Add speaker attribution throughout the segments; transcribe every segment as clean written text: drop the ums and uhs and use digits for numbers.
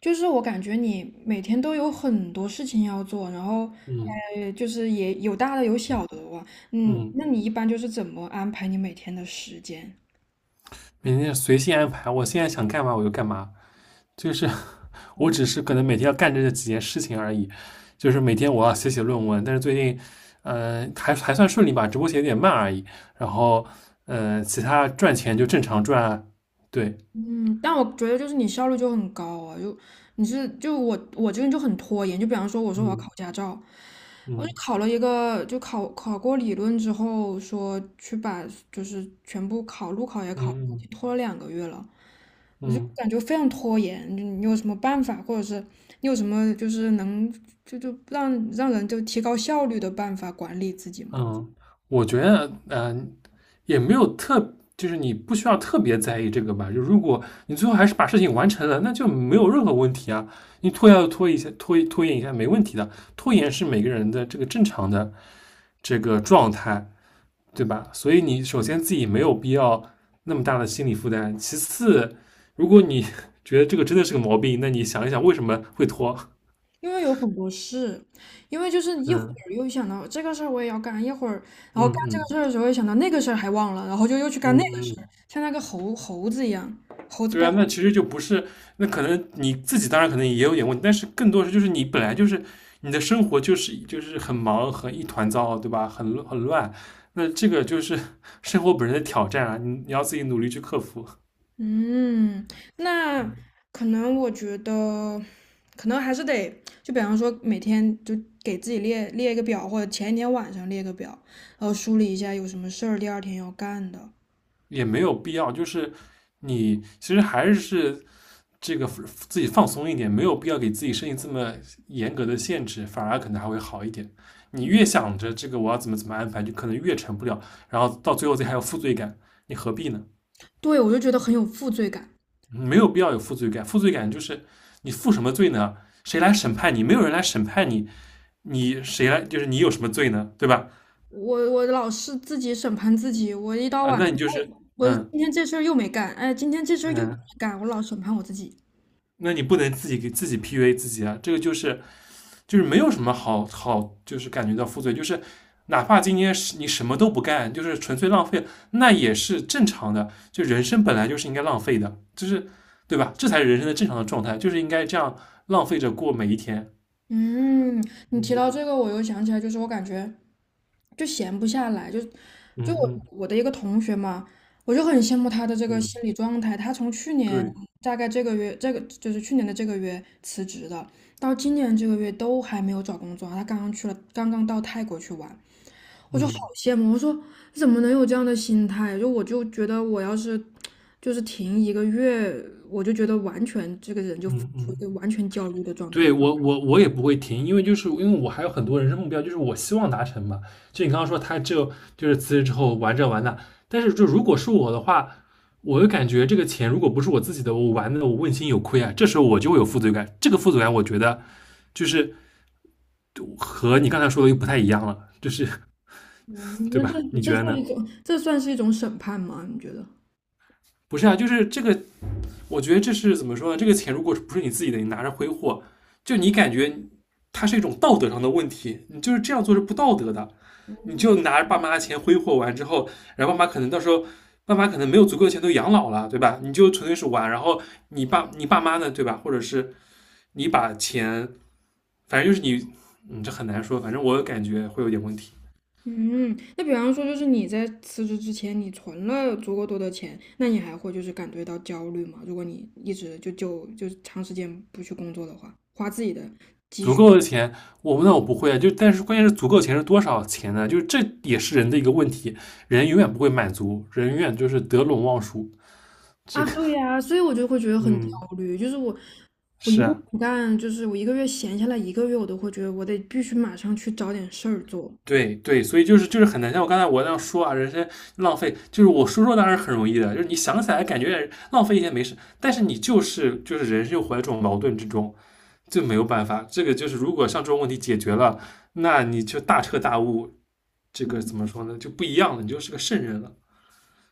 Speaker 1: 就是我感觉你每天都有很多事情要做，然后，
Speaker 2: 嗯
Speaker 1: 就是也有大的有小的哇。
Speaker 2: 嗯，
Speaker 1: 那你一般就是怎么安排你每天的时间？
Speaker 2: 每天随性安排，我现在想干嘛我就干嘛，就是 我只是可能每天要干这几件事情而已，就是每天我要写写论文，但是最近，嗯、呃还还算顺利吧，直播过写的有点慢而已。然后，其他赚钱就正常赚啊。对，
Speaker 1: 嗯，但我觉得就是你效率就很高啊，就你是就我我这个人就很拖延。就比方说我说我要
Speaker 2: 嗯
Speaker 1: 考驾照，我就
Speaker 2: 嗯
Speaker 1: 考了一个就考过理论之后说去把就是全部考路考也
Speaker 2: 嗯
Speaker 1: 考，
Speaker 2: 嗯。
Speaker 1: 拖了2个月了。
Speaker 2: 嗯
Speaker 1: 感觉非常拖延。你有什么办法，或者是你有什么就是能就让人就提高效率的办法管理自己吗？
Speaker 2: 嗯，我觉得，也没有就是你不需要特别在意这个吧。就如果你最后还是把事情完成了，那就没有任何问题啊。你拖要拖一下，拖延一下没问题的。拖延是每个人的这个正常的这个状态，对吧？所以你首先自己没有必要那么大的心理负担。其次，如果你 觉得这个真的是个毛病，那你想一想为什么会拖。
Speaker 1: 因为有很多事，因为就是一会
Speaker 2: 嗯
Speaker 1: 儿又想到这个事儿我也要干，一会儿然后干
Speaker 2: 嗯
Speaker 1: 这个
Speaker 2: 嗯
Speaker 1: 事儿的时候又想到那个事儿还忘了，然后就又去
Speaker 2: 嗯
Speaker 1: 干那个事儿，
Speaker 2: 嗯，
Speaker 1: 像那个猴子一样，猴子
Speaker 2: 对
Speaker 1: 掰。
Speaker 2: 啊，那其实就不是，那可能你自己当然可能也有点问题，但是更多是就是你本来就是你的生活就是很忙很一团糟，对吧？很乱，那这个就是 生活本身的挑战啊，你要自己努力去克服，
Speaker 1: 嗯，那可能我觉得，可能还是得，就比方说每天就给自己列列一个表，或者前一天晚上列个表，然后梳理一下有什么事儿第二天要干的。
Speaker 2: 也没有必要，就是你其实还是这个自己放松一点，没有必要给自己设定这么严格的限制，反而可能还会好一点。你越想着这个我要怎么怎么安排，就可能越成不了，然后到最后自己还有负罪感，你何必呢？
Speaker 1: 对，我就觉得很有负罪感。
Speaker 2: 没有必要有负罪感。负罪感就是你负什么罪呢？谁来审判你？没有人来审判你，你谁来？就是你有什么罪呢？对吧？
Speaker 1: 我老是自己审判自己，我一到
Speaker 2: 啊，
Speaker 1: 晚上，
Speaker 2: 那你就
Speaker 1: 哎
Speaker 2: 是
Speaker 1: 我今
Speaker 2: 嗯
Speaker 1: 天这事儿又没干，哎，今天这事儿又没
Speaker 2: 嗯，
Speaker 1: 干，我老审判我自己。
Speaker 2: 那你不能自己给自己 PUA 自己啊。这个就是没有什么好，就是感觉到负罪，就是哪怕今天是你什么都不干，就是纯粹浪费，那也是正常的。就人生本来就是应该浪费的，就是对吧？这才是人生的正常的状态，就是应该这样浪费着过每一天。
Speaker 1: 嗯，你提到
Speaker 2: 嗯
Speaker 1: 这个，我又想起来，就是我感觉就闲不下来，就
Speaker 2: 嗯
Speaker 1: 就
Speaker 2: 嗯
Speaker 1: 我我的一个同学嘛，我就很羡慕他的这个心
Speaker 2: 嗯。
Speaker 1: 理状态。他从去年
Speaker 2: 对，
Speaker 1: 大概这个月，这个就是去年的这个月辞职的，到今年这个月都还没有找工作啊，他刚刚去了，刚刚到泰国去玩，好
Speaker 2: 嗯
Speaker 1: 羡慕。我说怎么能有这样的心态？就我就觉得我要是就是停一个月，我就觉得完全这个人就处
Speaker 2: 嗯
Speaker 1: 于一个
Speaker 2: 嗯，
Speaker 1: 完全焦虑的状态。
Speaker 2: 对我也不会停，因为就是因为我还有很多人生目标，就是我希望达成嘛。就你刚刚说他就就是辞职之后玩这玩那，但是就如果是我的话，我就感觉这个钱如果不是我自己的，我玩的我问心有愧啊，这时候我就会有负罪感。这个负罪感，我觉得就是和你刚才说的又不太一样了，就是
Speaker 1: 嗯，
Speaker 2: 对
Speaker 1: 那
Speaker 2: 吧？
Speaker 1: 这
Speaker 2: 你觉
Speaker 1: 这
Speaker 2: 得
Speaker 1: 算
Speaker 2: 呢？
Speaker 1: 一种，这算是一种审判吗？你觉得？
Speaker 2: 不是啊，就是这个我觉得这是怎么说呢？这个钱如果不是你自己的，你拿着挥霍，就你感觉它是一种道德上的问题，你就是这样做是不道德的。你就拿着爸妈的钱挥霍完之后，然后爸妈可能到时候，爸妈可能没有足够的钱都养老了，对吧？你就纯粹是玩，然后你爸妈呢，对吧？或者是你把钱，反正就是你，嗯，这很难说，反正我感觉会有点问题。
Speaker 1: 嗯，那比方说，就是你在辞职之前，你存了足够多的钱，那你还会就是感觉到焦虑吗？如果你一直就长时间不去工作的话，花自己的。
Speaker 2: 足够的钱，我那我不会啊。就但是关键是足够钱是多少钱呢？就是这也是人的一个问题，人永远不会满足，人永远就是得陇望蜀。这
Speaker 1: 啊，
Speaker 2: 个，
Speaker 1: 对呀，所以我就会觉得很焦
Speaker 2: 嗯，
Speaker 1: 虑，就是我一
Speaker 2: 是
Speaker 1: 个
Speaker 2: 啊，
Speaker 1: 不干，就是我一个月闲下来一个月，我都会觉得我得必须马上去找点事儿做。
Speaker 2: 对对，所以就是就是很难。像我刚才我那样说啊，人生浪费，就是我说说当然是很容易的，就是你想起来感觉浪费一些没事，但是你就是就是人生又活在这种矛盾之中，就没有办法。这个就是如果像这种问题解决了，那你就大彻大悟，这个怎么说呢？就不一样了，你就是个圣人了。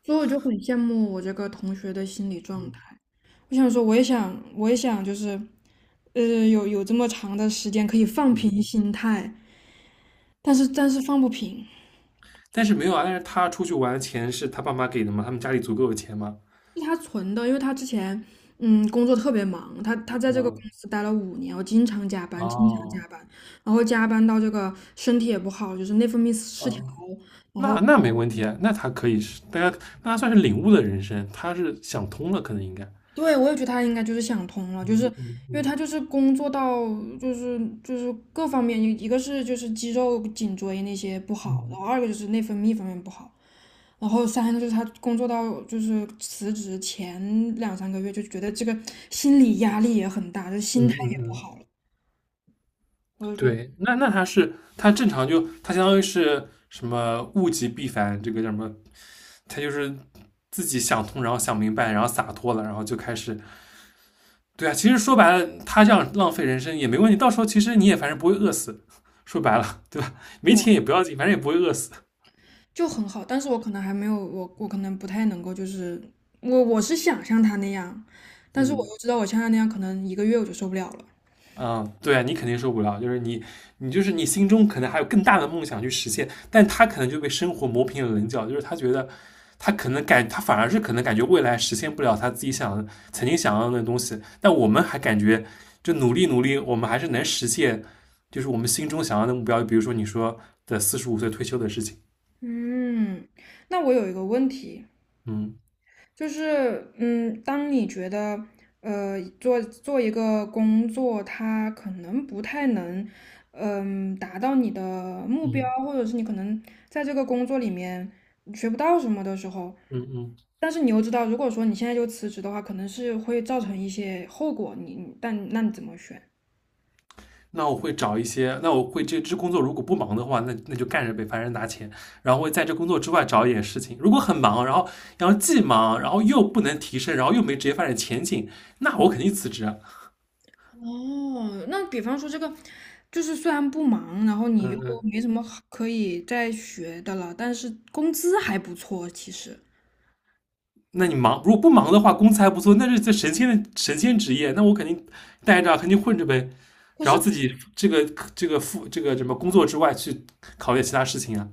Speaker 1: 所以我就很羡慕我这个同学的心理状态。
Speaker 2: 嗯。
Speaker 1: 我想说，我也想，我也想，就是，呃，有这么长的时间可以放平心态，但是放不平。
Speaker 2: 但是没有啊，但是他出去玩的钱是他爸妈给的嘛，他们家里足够有钱嘛。
Speaker 1: 是他存的，因为他之前工作特别忙，他在这个公
Speaker 2: 嗯，
Speaker 1: 司待了5年，我经常加班，经常
Speaker 2: 哦
Speaker 1: 加班，然后加班到这个身体也不好，就是内分泌失调。
Speaker 2: 哦，
Speaker 1: 然
Speaker 2: 那
Speaker 1: 后
Speaker 2: 那没问题啊，那他可以是，大家那他算是领悟的人生，他是想通了，可能应该。
Speaker 1: 对，我也觉得他应该就是想通了，就是
Speaker 2: 嗯
Speaker 1: 因
Speaker 2: 嗯
Speaker 1: 为
Speaker 2: 嗯
Speaker 1: 他就是工作到就是就是各方面，一个是就是肌肉颈椎那些不好，然后
Speaker 2: 嗯
Speaker 1: 二个就是内分泌方面不好，然后三个就是他工作到就是辞职前2、3个月就觉得这个心理压力也很大，就心态
Speaker 2: 嗯嗯
Speaker 1: 也不
Speaker 2: 嗯，
Speaker 1: 好了，我就觉得
Speaker 2: 对，那那他是他正常就他相当于是什么物极必反，这个叫什么？他就是自己想通，然后想明白，然后洒脱了，然后就开始对啊，其实说白了，他这样浪费人生也没问题，到时候其实你也反正不会饿死，说白了，对吧？没钱也
Speaker 1: 对
Speaker 2: 不要紧，反正也不会饿死。
Speaker 1: 就很好。但是我可能还没有我可能不太能够就是我是想像他那样，但是我
Speaker 2: 嗯
Speaker 1: 又知道我像他那样可能一个月我就受不了了。
Speaker 2: 嗯，对啊，你肯定受不了，就是你，你就是你心中可能还有更大的梦想去实现，但他可能就被生活磨平了棱角，就是他觉得他可能感，他反而是可能感觉未来实现不了他自己想曾经想要的东西，但我们还感觉就努力努力，我们还是能实现，就是我们心中想要的目标，比如说你说的四十五岁退休的事情，
Speaker 1: 嗯，那我有一个问题，
Speaker 2: 嗯。
Speaker 1: 就是，当你觉得，做一个工作，它可能不太能，达到你的目标，
Speaker 2: 嗯，
Speaker 1: 或者是你可能在这个工作里面学不到什么的时候，
Speaker 2: 嗯嗯，
Speaker 1: 但是你又知道，如果说你现在就辞职的话，可能是会造成一些后果，你，但那你怎么选？
Speaker 2: 那我会找一些，那我会这工作如果不忙的话，那那就干着呗，反正拿钱。然后会在这工作之外找一点事情。如果很忙，然后然后既忙，然后又不能提升，然后又没职业发展前景，那我肯定辞职啊。
Speaker 1: 哦，那比方说这个，就是虽然不忙，然后你又
Speaker 2: 嗯嗯，
Speaker 1: 没什么好可以再学的了，但是工资还不错，其实。
Speaker 2: 那你忙，如果不忙的话，工资还不错，那是这神仙的神仙职业，那我肯定待着啊肯定混着呗。
Speaker 1: 可
Speaker 2: 然后
Speaker 1: 是，
Speaker 2: 自己这个这个副这个什么工作之外去考虑其他事情啊，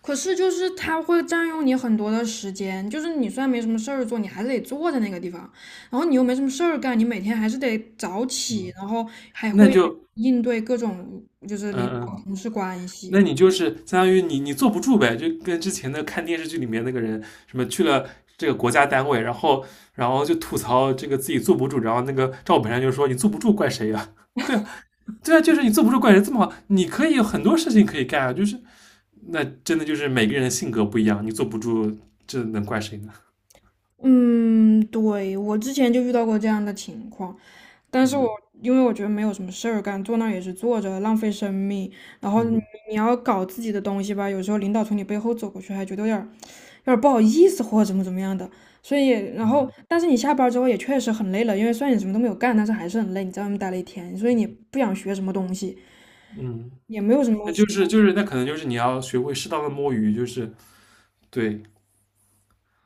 Speaker 1: 可是，就是它会占用你很多的时间，就是你虽然没什么事儿做，你还是得坐在那个地方，然后你又没什么事儿干，你每天还是得早起，然后还
Speaker 2: 那
Speaker 1: 会
Speaker 2: 就
Speaker 1: 应对各种就是领
Speaker 2: 嗯嗯。
Speaker 1: 导同事关
Speaker 2: 那
Speaker 1: 系。
Speaker 2: 你就是相当于你坐不住呗，就跟之前的看电视剧里面那个人什么去了这个国家单位，然后然后就吐槽这个自己坐不住，然后那个赵本山就说你坐不住怪谁呀、啊 对啊，对啊，就是你坐不住怪谁这么好，你可以有很多事情可以干啊，就是那真的就是每个人的性格不一样，你坐不住这能怪谁呢？
Speaker 1: 嗯，对，我之前就遇到过这样的情况，但是我
Speaker 2: 嗯
Speaker 1: 因为我觉得没有什么事儿干，坐那儿也是坐着，浪费生命。然后你
Speaker 2: 嗯
Speaker 1: 你要搞自己的东西吧，有时候领导从你背后走过去，还觉得有点儿不好意思或者怎么怎么样的。所以，然后但是你下班儿之后也确实很累了，因为虽然你什么都没有干，但是还是很累，你在外面待了一天，所以你不想学什么东西，
Speaker 2: 嗯，
Speaker 1: 也没有什
Speaker 2: 那
Speaker 1: 么，
Speaker 2: 就是就是那可能就是你要学会适当的摸鱼，就是对，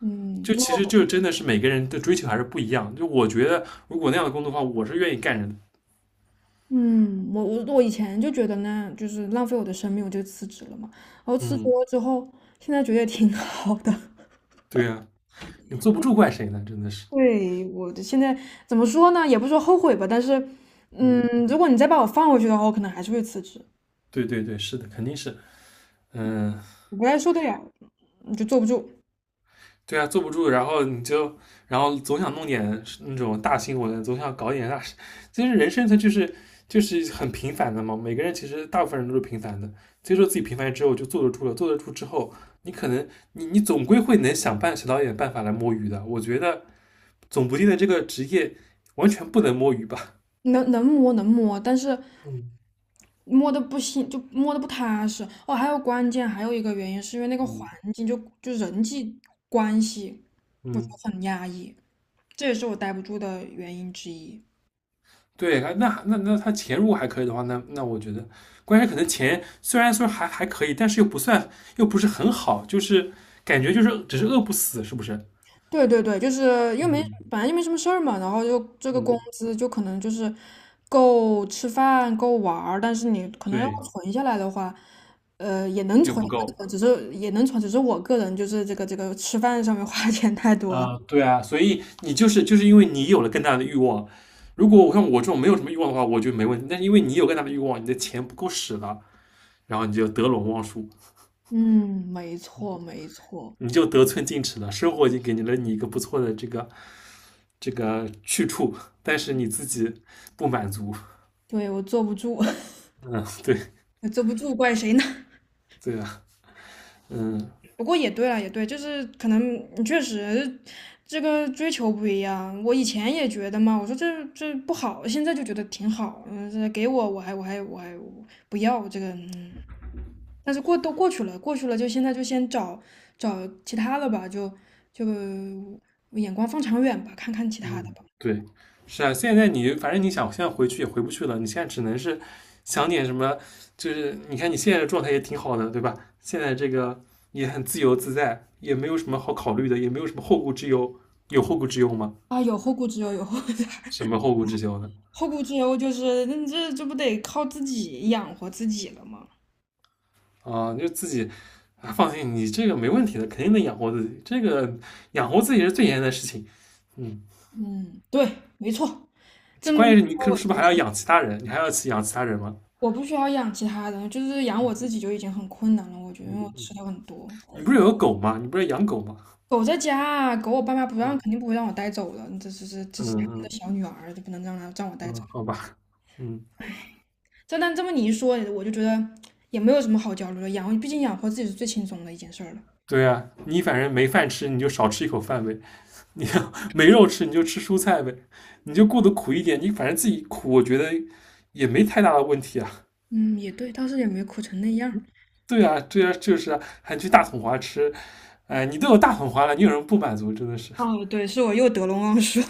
Speaker 1: 嗯，
Speaker 2: 就其实就真的是每个人的追求还是不一样。就我觉得，如果那样的工作的话，我是愿意干人的。
Speaker 1: 嗯，我以前就觉得呢，就是浪费我的生命，我就辞职了嘛。然后辞职
Speaker 2: 嗯，
Speaker 1: 了之后，现在觉得也挺 好的。
Speaker 2: 对呀、你坐不住怪谁呢？真的是，
Speaker 1: 对，我的现在怎么说呢？也不是说后悔吧，但是，嗯，
Speaker 2: 嗯，
Speaker 1: 如果你再把我放回去的话，我可能还是会辞职。
Speaker 2: 对对对，是的，肯定是，嗯，
Speaker 1: 我不太受得了，就坐不住。
Speaker 2: 对啊，坐不住，然后你就，然后总想弄点那种大新闻，总想搞点大事。其实人生它就是很平凡的嘛，每个人其实大部分人都是平凡的。接受自己平凡之后，就坐得住了。坐得住之后，你可能你总归会能想办想到一点办法来摸鱼的。我觉得总不定的这个职业完全不能摸鱼吧？
Speaker 1: 能摸能摸，但是
Speaker 2: 嗯
Speaker 1: 摸的不行，就摸的不踏实。哦，还有关键还有一个原因是因为那个环
Speaker 2: 嗯
Speaker 1: 境就人际关系，我觉
Speaker 2: 嗯，
Speaker 1: 得很压抑，这也是我待不住的原因之一。
Speaker 2: 对，那那那他钱如果还可以的话，那那我觉得，关键可能钱虽然说还还可以，但是又不算又不是很好，就是感觉就是只是饿不死，是不是？
Speaker 1: 对对对，就是又没
Speaker 2: 嗯
Speaker 1: 本来就没什么事儿嘛，然后就这个工
Speaker 2: 嗯，
Speaker 1: 资就可能就是够吃饭够玩儿，但是你可能要
Speaker 2: 对
Speaker 1: 存下来的话，
Speaker 2: 又不够，
Speaker 1: 也能存，只是我个人就是这个吃饭上面 花钱太多了。
Speaker 2: 啊、对啊，所以你就是就是因为你有了更大的欲望，如果我像我这种没有什么欲望的话，我觉得没问题，但是因为你有更大的欲望，你的钱不够使了，然后你就得陇望蜀。
Speaker 1: 嗯，没错没错，
Speaker 2: 你就得寸进尺了。生活已经给你了你一个不错的这个这个去处，但是你自己不满足。
Speaker 1: 对，我坐不住。
Speaker 2: 嗯，对
Speaker 1: 坐不住怪谁呢？
Speaker 2: 对啊，嗯
Speaker 1: 不过也对了，也对，就是可能你确实这个追求不一样。我以前也觉得嘛，我说这不好，现在就觉得挺好。嗯，这给我我还不要这个，但是过都过去了，过去了就现在就先找找其他的吧，就眼光放长远吧，看看其他的
Speaker 2: 嗯，
Speaker 1: 吧。
Speaker 2: 对，是啊。现在你反正你想现在回去也回不去了，你现在只能是想点什么，就是你看你现在的状态也挺好的，对吧？现在这个也很自由自在，也没有什么好考虑的，也没有什么后顾之忧。有后顾之忧吗？
Speaker 1: 啊，有后顾之忧，有后
Speaker 2: 什么后顾之忧呢？
Speaker 1: 后顾之忧就是那这不得靠自己养活自己了吗？
Speaker 2: 啊，就自己啊，放心，你这个没问题的，肯定能养活自己。这个养活自己是最严的事情，嗯，
Speaker 1: 嗯，对，没错，这么
Speaker 2: 关
Speaker 1: 一
Speaker 2: 键是你
Speaker 1: 说
Speaker 2: 可是不是
Speaker 1: 我
Speaker 2: 还要
Speaker 1: 就
Speaker 2: 养其他人？你还要去养其他人吗？
Speaker 1: 我不需要养其他的，就是养我自己就已经很困难了。我觉得
Speaker 2: 嗯
Speaker 1: 因为我
Speaker 2: 嗯，
Speaker 1: 吃的很多。
Speaker 2: 你不是有个狗吗？你不是养狗吗？
Speaker 1: 狗在家啊，狗我爸妈不让，肯定
Speaker 2: 嗯
Speaker 1: 不会让我带走的。这这是这
Speaker 2: 嗯
Speaker 1: 是他们
Speaker 2: 嗯
Speaker 1: 的小女儿，就不能让她让我带走。
Speaker 2: 嗯，好吧，嗯，
Speaker 1: 但这么你一说，我就觉得也没有什么好焦虑的。养，毕竟养活自己是最轻松的一件事儿了。
Speaker 2: 对呀、你反正没饭吃，你就少吃一口饭呗；你要没肉吃，你就吃蔬菜呗。你就过得苦一点，你反正自己苦，我觉得也没太大的问题啊。
Speaker 1: 嗯，也对，倒是也没苦成那样。
Speaker 2: 对啊，对啊，就是啊，还去大统华吃哎，你都有大桶花了，你有什么不满足？真的是，
Speaker 1: 哦，对，是我又得陇望舒。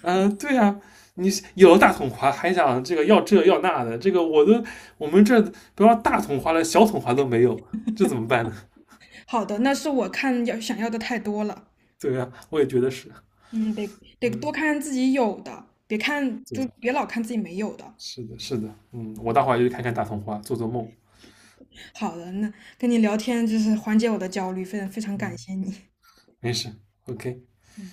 Speaker 2: 嗯，对呀、啊你有了大桶花还想这个要这要那的，这个我都我们这不要大桶花了，小桶花都没有，这怎么办呢？
Speaker 1: 好的，那是我看要想要的太多了。
Speaker 2: 对呀、啊我也觉得是，
Speaker 1: 嗯，得得
Speaker 2: 嗯，
Speaker 1: 多看看自己有的，
Speaker 2: 对，
Speaker 1: 别老看自己没有的。
Speaker 2: 是的，是的，嗯，我待会儿就去看看大桶花，做做梦，
Speaker 1: 好的，那跟你聊天就是缓解我的焦虑，非常非常感
Speaker 2: 嗯，
Speaker 1: 谢你。
Speaker 2: 没事，OK。
Speaker 1: 嗯。